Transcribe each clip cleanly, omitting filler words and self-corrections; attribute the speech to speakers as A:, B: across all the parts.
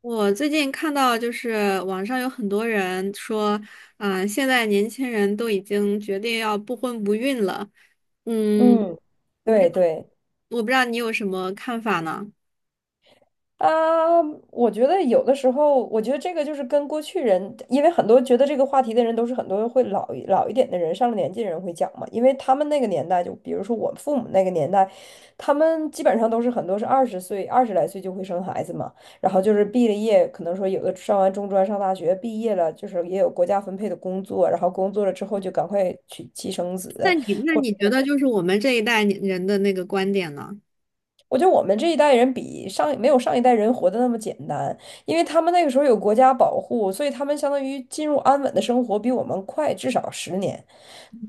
A: 我最近看到，就是网上有很多人说，啊、现在年轻人都已经决定要不婚不孕了。嗯，
B: 嗯，
A: 我不知
B: 对
A: 道，
B: 对
A: 我不知道你有什么看法呢？
B: 啊，我觉得有的时候，我觉得这个就是跟过去人，因为很多觉得这个话题的人都是很多会老一点的人，上了年纪的人会讲嘛，因为他们那个年代，就比如说我父母那个年代，他们基本上都是很多是二十岁、二十来岁就会生孩子嘛，然后就是毕了业，可能说有的上完中专、上大学毕业了，就是也有国家分配的工作，然后工作了之后就赶快娶妻生子。
A: 那你觉得就是我们这一代年人的那个观点呢？
B: 我觉得我们这一代人比上没有上一代人活得那么简单，因为他们那个时候有国家保护，所以他们相当于进入安稳的生活比我们快至少十年。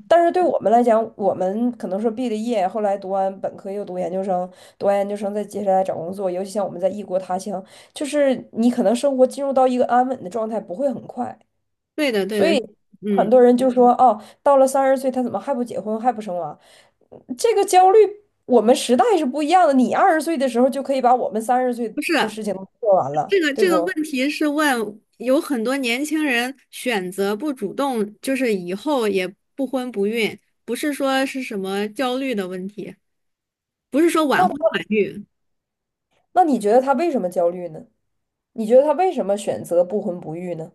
B: 但是对我们来讲，我们可能说毕了业，后来读完本科又读研究生，读完研究生再接下来找工作，尤其像我们在异国他乡，就是你可能生活进入到一个安稳的状态不会很快，
A: 对的，对
B: 所
A: 的。
B: 以很
A: 嗯，
B: 多人就说哦，到了三十岁他怎么还不结婚还不生娃？这个焦虑，我们时代是不一样的。你二十岁的时候就可以把我们三十岁
A: 不是。
B: 的事情都做完了，
A: 这个
B: 对
A: 这个
B: 不？
A: 问题是问有很多年轻人选择不主动，就是以后也不婚不孕，不是说是什么焦虑的问题，不是说晚婚
B: 那
A: 晚育。
B: 那你觉得他为什么焦虑呢？你觉得他为什么选择不婚不育呢？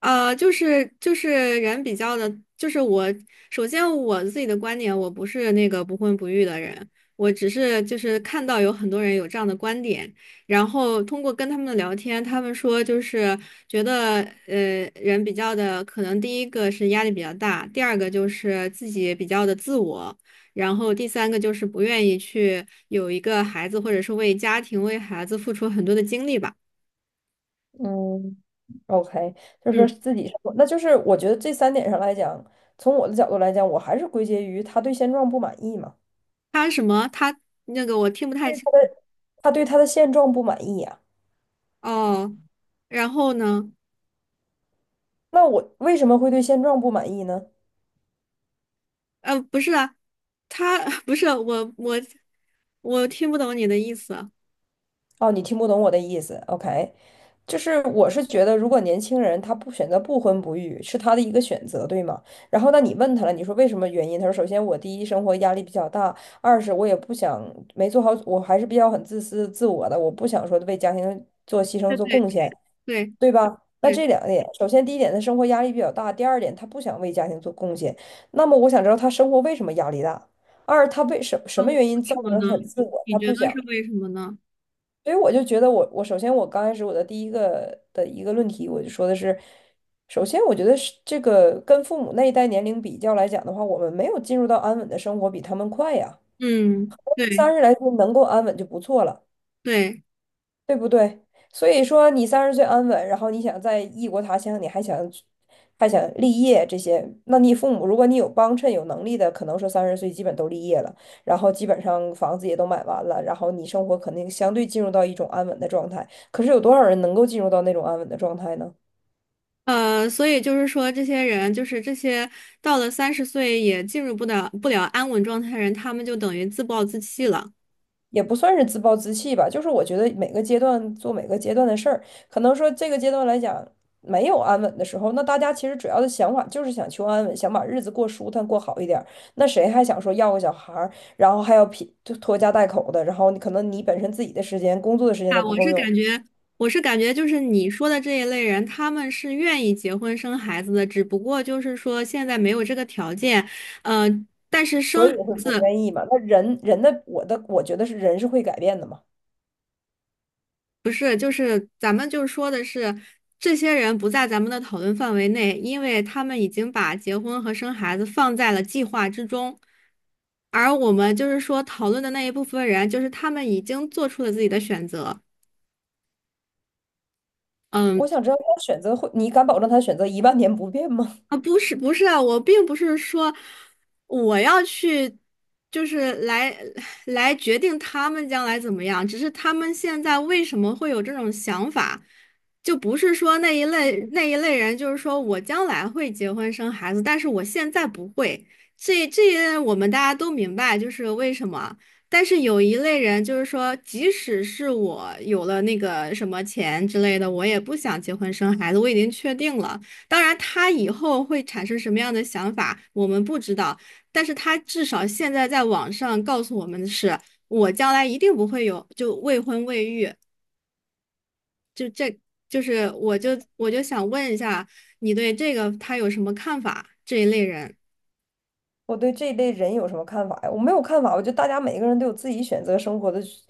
A: 就是人比较的，就是我首先我自己的观点，我不是那个不婚不育的人，我只是就是看到有很多人有这样的观点，然后通过跟他们的聊天，他们说就是觉得人比较的，可能第一个是压力比较大，第二个就是自己比较的自我，然后第三个就是不愿意去有一个孩子，或者是为家庭为孩子付出很多的精力吧。
B: 嗯，OK，就是说
A: 嗯，
B: 自己生活那就是我觉得这三点上来讲，从我的角度来讲，我还是归结于他对现状不满意嘛，
A: 他什么？他那个我听不太清。
B: 他对他的现状不满意呀、
A: 哦，然后呢？
B: 那我为什么会对现状不满意呢？
A: 不是啊，他 不是我，我听不懂你的意思。
B: 哦，你听不懂我的意思，OK，就是我是觉得，如果年轻人他不选择不婚不育，是他的一个选择，对吗？然后那你问他了，你说为什么原因？他说，首先我第一生活压力比较大，二是我也不想没做好，我还是比较很自私自我的，我不想说为家庭做牺牲
A: 对
B: 做
A: 对
B: 贡献，
A: 对
B: 对吧？那
A: 对。
B: 这两点，首先第一点，他生活压力比较大；第二点，他不想为家庭做贡献。那么我想知道他生活为什么压力大？二，他什
A: 啊，
B: 么
A: 为
B: 原因造
A: 什么
B: 成
A: 呢？
B: 很自
A: 你
B: 我？
A: 你
B: 他
A: 觉
B: 不
A: 得
B: 想。
A: 是为什么呢？
B: 所以我就觉得我首先我刚开始我的第一个的一个论题，我就说的是，首先我觉得是这个跟父母那一代年龄比较来讲的话，我们没有进入到安稳的生活，比他们快呀。
A: 嗯，对
B: 30来岁能够安稳就不错了。
A: 对。
B: 对不对？所以说你三十岁安稳，然后你想在异国他乡，你还想去还想立业这些，那你父母如果你有帮衬、有能力的，可能说三十岁基本都立业了，然后基本上房子也都买完了，然后你生活肯定相对进入到一种安稳的状态。可是有多少人能够进入到那种安稳的状态呢？
A: 所以就是说，这些人就是这些到了三十岁也进入不了安稳状态的人，他们就等于自暴自弃了。
B: 也不算是自暴自弃吧，就是我觉得每个阶段做每个阶段的事儿，可能说这个阶段来讲没有安稳的时候，那大家其实主要的想法就是想求安稳，想把日子过舒坦过好一点儿。那谁还想说要个小孩儿，然后还要拼就拖家带口的，然后你可能你本身自己的时间、工作的时间
A: 啊，
B: 都不
A: 我
B: 够
A: 是
B: 用，
A: 感觉，就是你说的这一类人，他们是愿意结婚生孩子的，只不过就是说现在没有这个条件。呃，但是
B: 所
A: 生
B: 以
A: 孩
B: 会不
A: 子
B: 愿意嘛。那人人的我的我觉得是人是会改变的嘛。
A: 不是，就是咱们就是说的是，这些人不在咱们的讨论范围内，因为他们已经把结婚和生孩子放在了计划之中，而我们就是说讨论的那一部分人，就是他们已经做出了自己的选择。
B: 我
A: 嗯。
B: 想知道他选择会，你敢保证他选择一万年不变吗？
A: 啊，不是不是啊，我并不是说我要去，就是来决定他们将来怎么样，只是他们现在为什么会有这种想法，就不是说那一类人，就是说我将来会结婚生孩子，但是我现在不会。这我们大家都明白，就是为什么。但是有一类人，就是说，即使是我有了那个什么钱之类的，我也不想结婚生孩子，我已经确定了。当然，他以后会产生什么样的想法，我们不知道。但是他至少现在在网上告诉我们的是，我将来一定不会有就未婚未育。就是我就我就想问一下，你对这个他有什么看法？这一类人。
B: 我对这一类人有什么看法呀？我没有看法，我觉得大家每个人都有自己选择生活的选，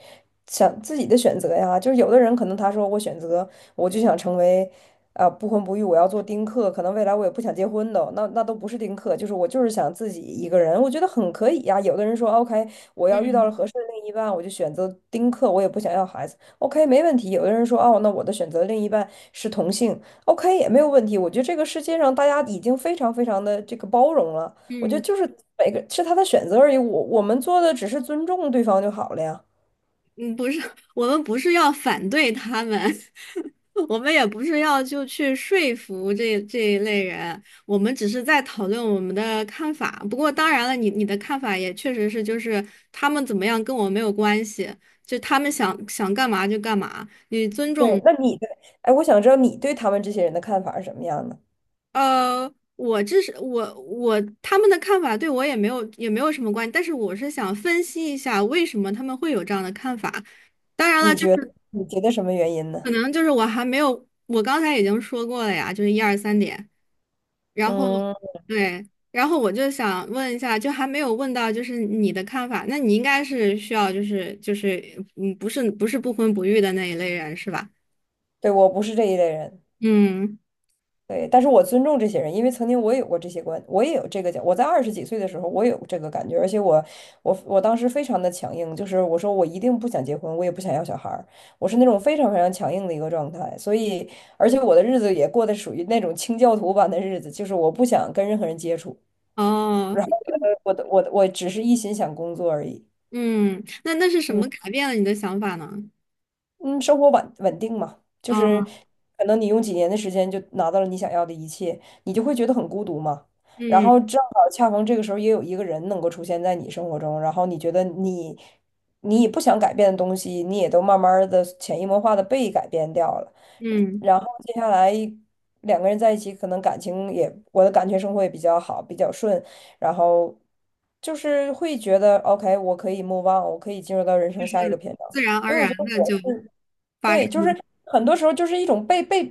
B: 想自己的选择呀。就是有的人可能他说我选择，我就想成为，啊、不婚不育，我要做丁克，可能未来我也不想结婚的，那都不是丁克，就是我就是想自己一个人，我觉得很可以呀。有的人说 OK，我要遇到了
A: 嗯
B: 合适的另一半，我就选择丁克，我也不想要孩子，OK 没问题。有的人说哦，那我的选择另一半是同性，OK 也没有问题。我觉得这个世界上大家已经非常非常的这个包容了。我觉得
A: 嗯
B: 就是每个是他的选择而已，我们做的只是尊重对方就好了呀。
A: 嗯，不是，我们不是要反对他们。我们也不是要就去说服这一类人，我们只是在讨论我们的看法。不过当然了，你的看法也确实是，就是他们怎么样跟我没有关系，就他们想干嘛就干嘛，你尊
B: 对，
A: 重。
B: 那你的，哎，我想知道你对他们这些人的看法是什么样的？
A: 我这是我我他们的看法对我也没有什么关系，但是我是想分析一下为什么他们会有这样的看法。当然了，
B: 你
A: 就
B: 觉
A: 是。
B: 得你觉得什么原因呢？
A: 可能就是我还没有，我刚才已经说过了呀，就是一二三点。然后
B: 嗯，
A: 对，然后我就想问一下，就还没有问到就是你的看法，那你应该是需要就是，不是不婚不育的那一类人是吧？
B: 对，我不是这一类人。
A: 嗯，
B: 对，但是我尊重这些人，因为曾经我也有过这些观，我也有这个讲。我在20几岁的时候，我也有这个感觉，而且我当时非常的强硬，就是我说我一定不想结婚，我也不想要小孩儿，我是那种非常非常强硬的一个状态。所以，而且我的日子也过得属于那种清教徒般的日子，就是我不想跟任何人接触，
A: 哦。
B: 我只是一心想工作而已。
A: 嗯，那是什
B: 嗯，
A: 么改变了你的想法呢？
B: 嗯，生活稳定嘛，就是
A: 哦。
B: 可能你用几年的时间就拿到了你想要的一切，你就会觉得很孤独嘛。然
A: 嗯
B: 后正好恰逢这个时候也有一个人能够出现在你生活中，然后你觉得你也不想改变的东西，你也都慢慢的潜移默化的被改变掉了。
A: 嗯，
B: 然后接下来两个人在一起，可能感情也我的感情生活也比较好，比较顺，然后就是会觉得 OK，我可以 move on，我可以进入到人生下一个篇章。
A: 自然而
B: 所以我
A: 然的就发
B: 对，
A: 生
B: 就是
A: 了。
B: 很多时候就是一种被，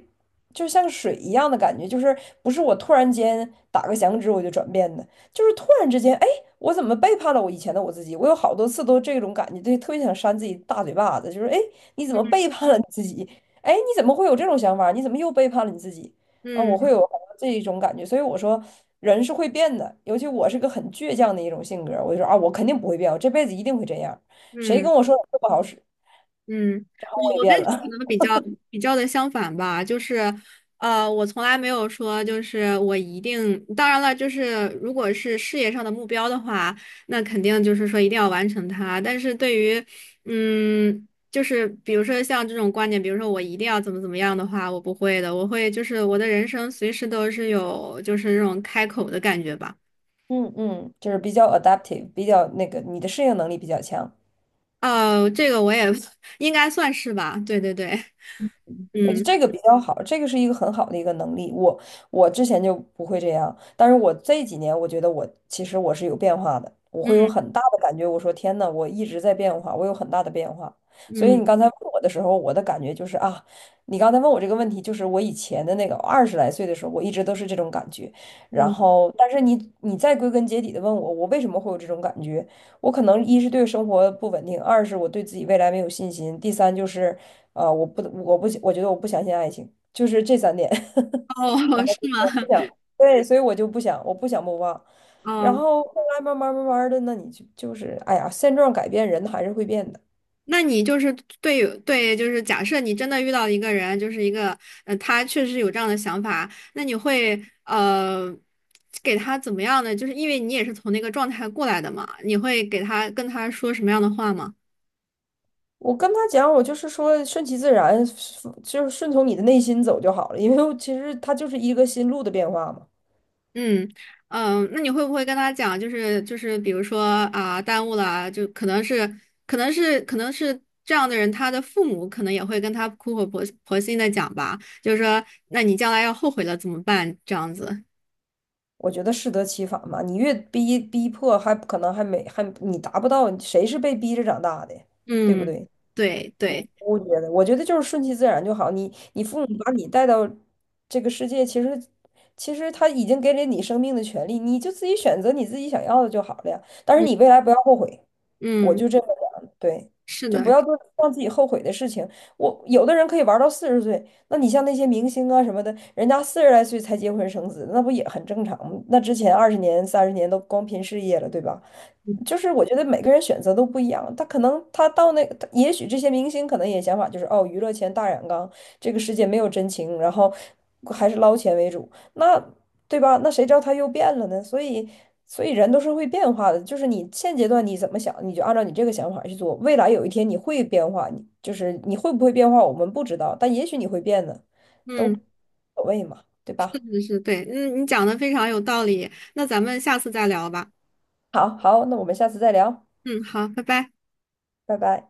B: 就像水一样的感觉，就是不是我突然间打个响指我就转变的，就是突然之间，哎，我怎么背叛了我以前的我自己？我有好多次都这种感觉，对，特别想扇自己大嘴巴子，就是哎，你怎么背叛了你自己？哎，你怎么会有这种想法？你怎么又背叛了你自己？啊，我会
A: 嗯
B: 有好多这一种感觉，所以我说人是会变的，尤其我是个很倔强的一种性格，我就说啊，我肯定不会变，我这辈子一定会这样，谁
A: 嗯。
B: 跟我说我不好使，
A: 嗯，我
B: 我也
A: 我跟
B: 变
A: 你
B: 了。
A: 可能比较的相反吧。就是，我从来没有说就是我一定，当然了，就是如果是事业上的目标的话，那肯定就是说一定要完成它。但是对于，就是比如说像这种观点，比如说我一定要怎么样的话，我不会的，我会就是我的人生随时都是有就是这种开口的感觉吧。
B: 嗯嗯，就是比较 adaptive，比较那个你的适应能力比较强。
A: 这个我也 应该算是吧。对对对。
B: 我觉得
A: 嗯
B: 这个比较好，这个是一个很好的一个能力。我之前就不会这样，但是我这几年我觉得我其实我是有变化的，我会有
A: 嗯
B: 很大的感觉。我说天呐，我一直在变化，我有很大的变化。所以你
A: 嗯
B: 刚才问我的时候，我的感觉就是啊，你刚才问我这个问题，就是我以前的那个二十来岁的时候，我一直都是这种感觉。然
A: 嗯。
B: 后，但是你再归根结底的问我，我为什么会有这种感觉？我可能一是对生活不稳定，二是我对自己未来没有信心，第三就是。啊、我不，我不，我觉得我不相信爱情，就是这三点，
A: 哦，是
B: 不
A: 吗？
B: 想，对，所以我就不想，我不想莫忘。然
A: 哦，
B: 后后来慢慢的，那你就就是，哎呀，现状改变，人还是会变的。
A: 那你就是对对，就是假设你真的遇到一个人，就是一个他确实有这样的想法，那你会给他怎么样呢？就是因为你也是从那个状态过来的嘛，你会跟他说什么样的话吗？
B: 我跟他讲，我就是说顺其自然，就是顺从你的内心走就好了，因为其实他就是一个心路的变化嘛。
A: 嗯那你会不会跟他讲，就是比如说啊，耽误了啊就可能是这样的人，他的父母可能也会跟他苦口婆心的讲吧，就是说，那你将来要后悔了怎么办？这样子。
B: 我觉得，适得其反嘛，你越逼迫，还可能还没还你达不到，谁是被逼着长大的，对不
A: 嗯，
B: 对？
A: 对对。
B: 我觉得就是顺其自然就好。你父母把你带到这个世界，其实他已经给了你生命的权利，你就自己选择你自己想要的就好了呀。但是
A: 嗯
B: 你未来不要后悔。我
A: 嗯，
B: 就这么想，对，
A: 是
B: 就不
A: 的。
B: 要做让自己后悔的事情。我有的人可以玩到40岁，那你像那些明星啊什么的，人家40来岁才结婚生子，那不也很正常吗？那之前20年、30年都光拼事业了，对吧？就是我觉得每个人选择都不一样，他可能他到那个，他也许这些明星可能也想法就是哦，娱乐圈大染缸，这个世界没有真情，然后还是捞钱为主。那对吧？那谁知道他又变了呢？所以人都是会变化的。就是你现阶段你怎么想，你就按照你这个想法去做。未来有一天你会变化，你就是你会不会变化，我们不知道，但也许你会变呢，都无
A: 嗯，
B: 所谓嘛，对
A: 是
B: 吧？
A: 的是的对。嗯，你讲的非常有道理，那咱们下次再聊吧。
B: 好好，那我们下次再聊，
A: 嗯，好，拜拜。
B: 拜拜。